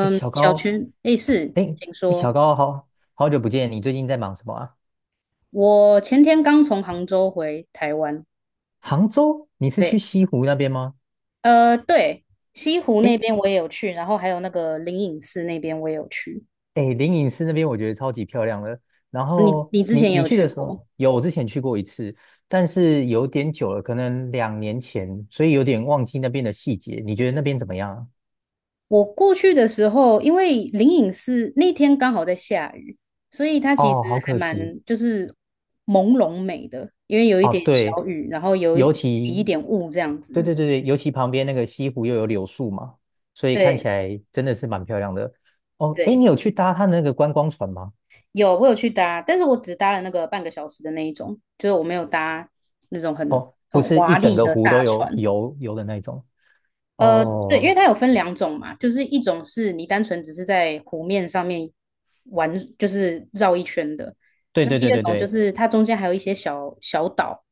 哎，小小高，群，诶，是，哎，请哎，小说。高，好久不见，你最近在忙什么啊？我前天刚从杭州回台湾，杭州，你是去对，西湖那边吗？呃，对，西湖那哎，边我也有去，然后还有那个灵隐寺那边我也有去。哎，灵隐寺那边我觉得超级漂亮了。然你后你之你前也你有去去的时候，过？有，我之前去过一次，但是有点久了，可能两年前，所以有点忘记那边的细节。你觉得那边怎么样啊？我过去的时候，因为灵隐寺那天刚好在下雨，所以它其实哦，好还可蛮惜。就是朦胧美的，因为有一哦，点对，小雨，然后有一尤起一其，点雾这样对子。对对对，尤其旁边那个西湖又有柳树嘛，所以看起对来真的是蛮漂亮的。哦，哎，你对。有去搭它那个观光船吗？有，我有去搭，但是我只搭了那个半个小时的那一种，就是我没有搭那种很不是一华整丽个的湖大都有船。游的那种。哦对，因哦，为它有分两种嘛，就是一种是你单纯只是在湖面上面玩，就是绕一圈的；对那对第对二对种就对，是它中间还有一些小小岛，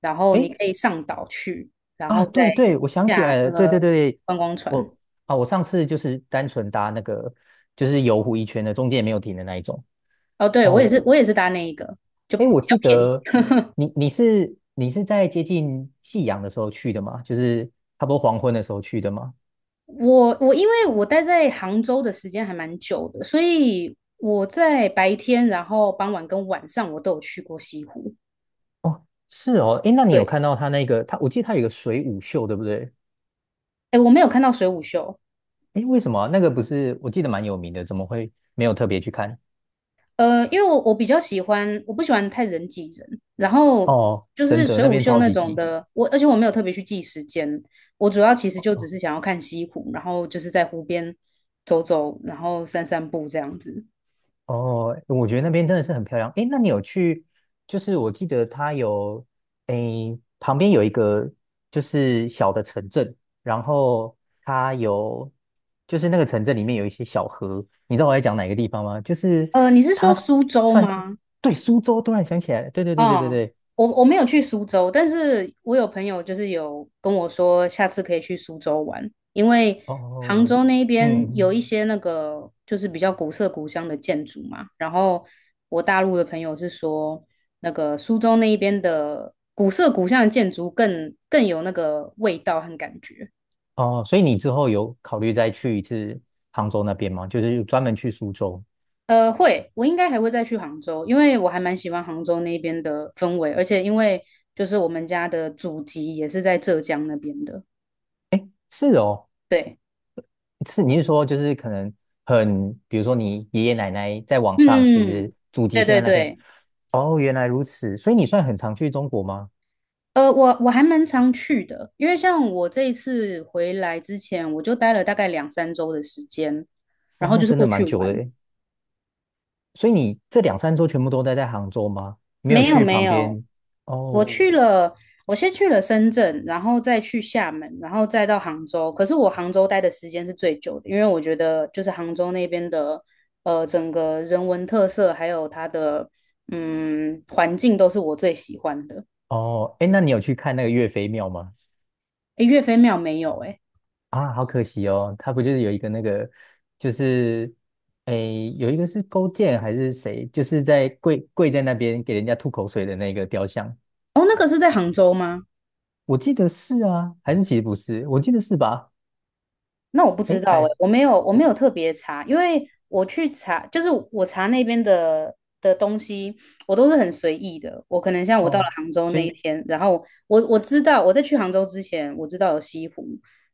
然后你诶，可以上岛去，然啊，后再对对，我想起来下了，那对对个对，观光船。我啊，我上次就是单纯搭那个就是游湖一圈的，中间也没有停的那一种。哦，对，我也哦，是，我也是搭那一个，就比哎，我较记便宜。得你是在接近夕阳的时候去的吗？就是差不多黄昏的时候去的吗？我因为我待在杭州的时间还蛮久的，所以我在白天、然后傍晚跟晚上我都有去过西湖。是哦，哎，那你有对，看到他那个他？我记得他有一个水舞秀，对不对？哎，我没有看到水舞秀，哎，为什么啊那个不是？我记得蛮有名的，怎么会没有特别去看？因为我比较喜欢，我不喜欢太人挤人，然后哦，就真是的，水那舞边秀超那级种挤。的，而且我没有特别去记时间，我主要其实就只是想要看西湖，然后就是在湖边走走，然后散散步这样子。哦，我觉得那边真的是很漂亮。诶，那你有去？就是我记得它有，诶，旁边有一个就是小的城镇，然后它有，就是那个城镇里面有一些小河。你知道我在讲哪个地方吗？就是你是它说是苏州算是吗？对苏州，突然想起来了，对对对对对嗯，对。我没有去苏州，但是我有朋友就是有跟我说，下次可以去苏州玩，因为杭哦，州那一边有嗯，一些那个就是比较古色古香的建筑嘛。然后我大陆的朋友是说，那个苏州那一边的古色古香的建筑更有那个味道和感觉。哦，所以你之后有考虑再去一次杭州那边吗？就是专门去苏州。会，我应该还会再去杭州，因为我还蛮喜欢杭州那边的氛围，而且因为就是我们家的祖籍也是在浙江那边的，是哦，对。是你是说就是可能很，比如说你爷爷奶奶在网上其嗯，实祖籍对是在对那边，对，哦，原来如此，所以你算很常去中国吗？我还蛮常去的，因为像我这一次回来之前，我就待了大概两三周的时间，然哦，后那就是真过的去蛮久的玩。诶，所以你这两三周全部都待在杭州吗？没有没有去没旁有，边？我哦去了，我先去了深圳，然后再去厦门，然后再到杭州。可是我杭州待的时间是最久的，因为我觉得就是杭州那边的，整个人文特色还有它的环境都是我最喜欢的。哦，哎，那你有去看那个岳飞庙吗？诶，岳飞庙没有诶。啊，好可惜哦，他不就是有一个那个，就是诶，有一个是勾践还是谁，就是在跪在那边给人家吐口水的那个雕像。哦，那个是在杭州吗？我记得是啊，还是其实不是？我记得是吧？那我不知诶，道哎，还我没我有特别查，因为我去查，就是我查那边的东西，我都是很随意的。我可能像我到了哦，杭州所那一以天，然后我知道我在去杭州之前，我知道有西湖，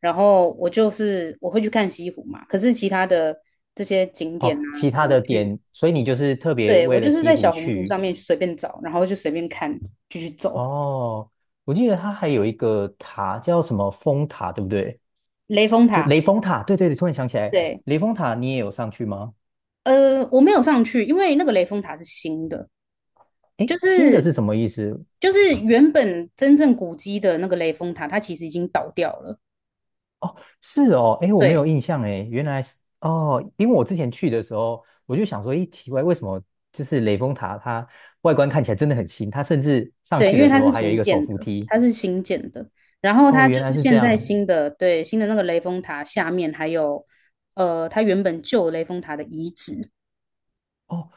然后我就是我会去看西湖嘛。可是其他的这些景点哦，啊，其怎他么的去？点，所以你就是特别对，我为了就是西在湖小红书去上面随便找，然后就随便看，就去走哦。我记得它还有一个塔叫什么风塔，对不对？雷峰就塔。雷峰塔，对对对，突然想起来，对，雷峰塔你也有上去吗？我没有上去，因为那个雷峰塔是新的。就诶，新的是是什么意思？就是原本真正古迹的那个雷峰塔，它其实已经倒掉了。哦，是哦，诶，我没有对印象诶，原来是哦，因为我之前去的时候，我就想说，咦，奇怪，为什么就是雷峰塔它外观看起来真的很新，它甚至上对，去因为的时它候是还有一重个手建扶的，梯。它是新建的。然后哦，它就原来是是这现在样。新的，对，新的那个雷峰塔下面还有它原本旧的雷峰塔的遗址。哦，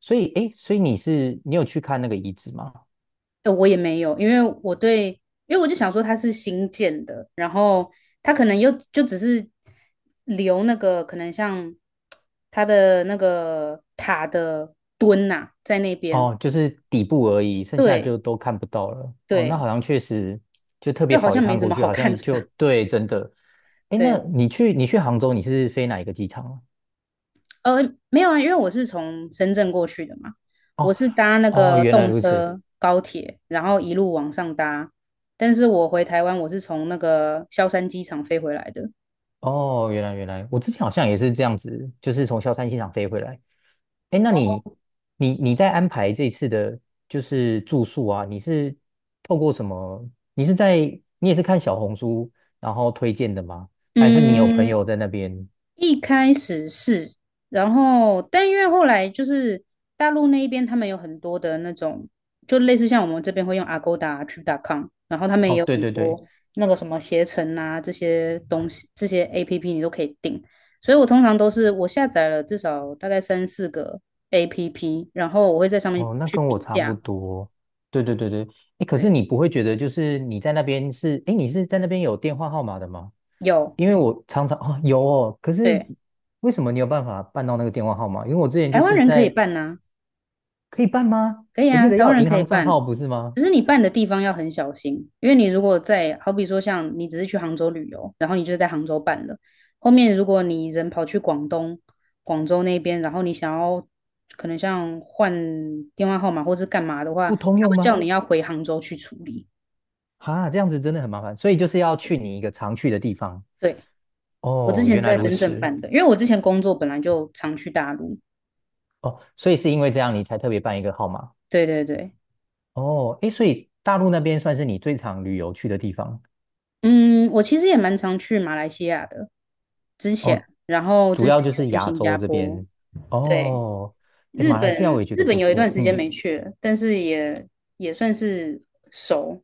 所以诶，所以你是你有去看那个遗址吗？我也没有，因为我就想说它是新建的，然后它可能又就只是留那个可能像它的那个塔的墩呐、在那边，哦，就是底部而已，剩下对就都看不到了。哦，那对，好像确实就特别就好跑一像没趟什过么去，好好看像的。就 对，真的。诶，那对，你去你去杭州，你是飞哪一个机场啊？呃，没有啊，因为我是从深圳过去的嘛，我哦是搭那哦，个原来动如此。车、高铁，然后一路往上搭。但是我回台湾，我是从那个萧山机场飞回来的。哦，原来，我之前好像也是这样子，就是从萧山机场飞回来。哎，那你你在安排这次的，就是住宿啊，你是透过什么？你是在你也是看小红书然后推荐的吗？还是你有朋嗯，友在那边？一开始是，然后但因为后来就是大陆那一边，他们有很多的那种，就类似像我们这边会用 Agoda、Trip.com，然后他们也哦，有对很对对，多那个什么携程啊这些东西，这些 APP 你都可以订。所以我通常都是我下载了至少大概三四个 APP，然后我会在上面哦，那去跟我比差不价。多。对对对对，哎，可是对，你不会觉得就是你在那边是，哎，你是在那边有电话号码的吗？有，因为我常常哦有哦，可是对，为什么你有办法办到那个电话号码？因为我之前台就湾是人可以在办呐、可以办吗？可以我记啊，得台要湾有人银可以行账办，号不是吗？只是你办的地方要很小心，因为你如果在，好比说像你只是去杭州旅游，然后你就在杭州办了，后面如果你人跑去广东、广州那边，然后你想要可能像换电话号码或是干嘛的话，他不通用会叫吗？你要回杭州去处理。哈，这样子真的很麻烦，所以就是要去你一个常去的地方。对，我之哦，前原是来在如深圳此。办的，因为我之前工作本来就常去大陆。哦，所以是因为这样你才特别办一个号码。对对对，哦，诶，所以大陆那边算是你最常旅游去的地方。嗯，我其实也蛮常去马来西亚的，之前，哦，然后主之前要就有是去亚新洲加这坡。边。对，哦，诶，日马来本西亚我也觉日得本不有一段错。时间嗯，没去了，但是也算是熟。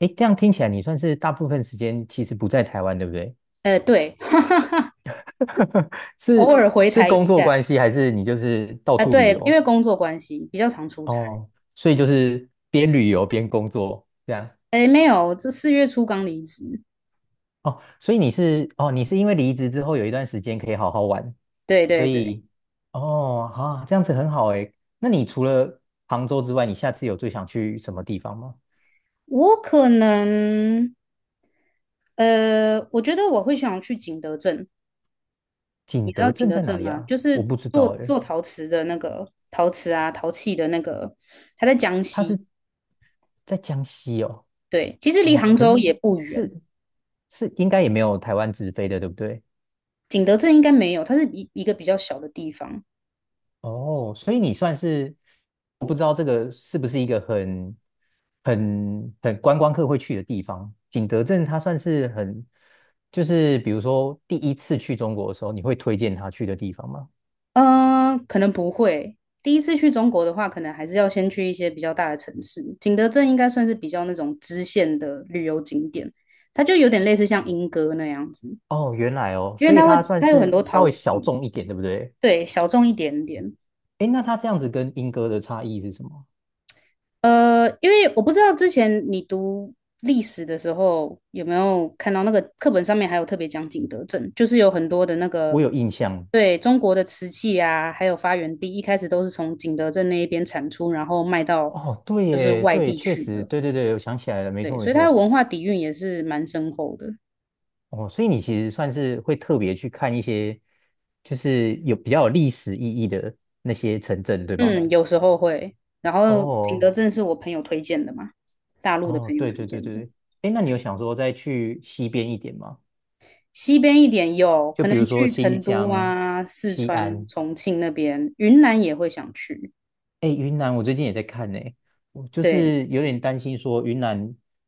哎，这样听起来你算是大部分时间其实不在台湾，对不对？对，偶是尔回是台一工作关下系，还是你就是到啊，处旅对，因为游？工作关系比较常出差。哦，所以就是边旅游边工作这样。哎，没有，这四月初刚离职。哦，所以你是哦，你是因为离职之后有一段时间可以好好玩，对所对对，以哦，好、啊，这样子很好哎。那你除了杭州之外，你下次有最想去什么地方吗？我可能，我觉得我会想去景德镇。你景知道德景镇德在哪镇里吗？啊？就我是不知做道哎，做陶瓷的那个陶瓷啊，陶器的那个，它在江它西。是在江西哦。对，其实离哦，杭可州是也不远，是是应该也没有台湾直飞的，对不对？景德镇应该没有，它是一个比较小的地方。哦，所以你算是我不知道这个是不是一个很观光客会去的地方。景德镇它算是很，就是比如说第一次去中国的时候，你会推荐他去的地方吗？可能不会。第一次去中国的话，可能还是要先去一些比较大的城市。景德镇应该算是比较那种支线的旅游景点，它就有点类似像莺歌那样子，哦，原来哦，因为所以它会它算它有很是多稍陶微小器，众一点，对不对？对，小众一点点。诶，那它这样子跟英哥的差异是什么？因为我不知道之前你读历史的时候有没有看到那个课本上面还有特别讲景德镇，就是有很多的那个我有印象。对中国的瓷器啊，还有发源地，一开始都是从景德镇那一边产出，然后卖到哦，对就是耶，外对，地确去实，的。对对对，我想起来了，没对，错没所以它的错。文化底蕴也是蛮深厚的。哦，所以你其实算是会特别去看一些，就是有比较有历史意义的那些城镇，对吗？嗯，有时候会。然后景德哦，镇是我朋友推荐的嘛，大陆的哦，朋友对推对对荐对的。对。哎，那你有想说再去西边一点吗？西边一点有，就可比能如说去新成都疆、啊、四西川、安。重庆那边，云南也会想去。哎，云南我最近也在看呢，我就对，是有点担心说云南，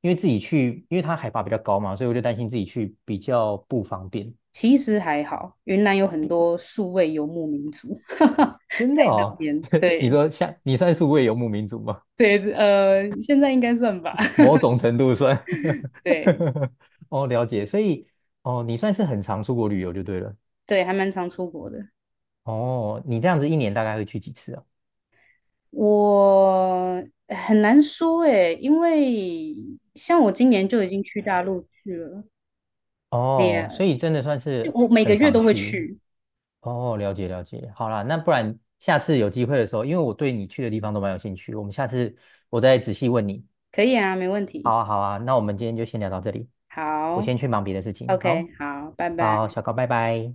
因为自己去，因为它海拔比较高嘛，所以我就担心自己去比较不方便。其实还好，云南有很多数位游牧民族，那真的哦，边 你对说像你算是数位游牧民族吗？对，现在应该算吧。某种程度算。对 哦，了解。所以，哦，你算是很常出国旅游就对了。对，还蛮常出国的。哦，你这样子一年大概会去几次啊？我很难说诶，因为像我今年就已经去大陆去了，哦，也所以真的算就是我每个很月常都会去。去，哦，了解了解。好啦，那不然下次有机会的时候，因为我对你去的地方都蛮有兴趣，我们下次我再仔细问你。可以啊，没问好题。啊，好啊，那我们今天就先聊到这里，我好先去忙别的事情。好，，OK，好，拜拜。好，小高，拜拜。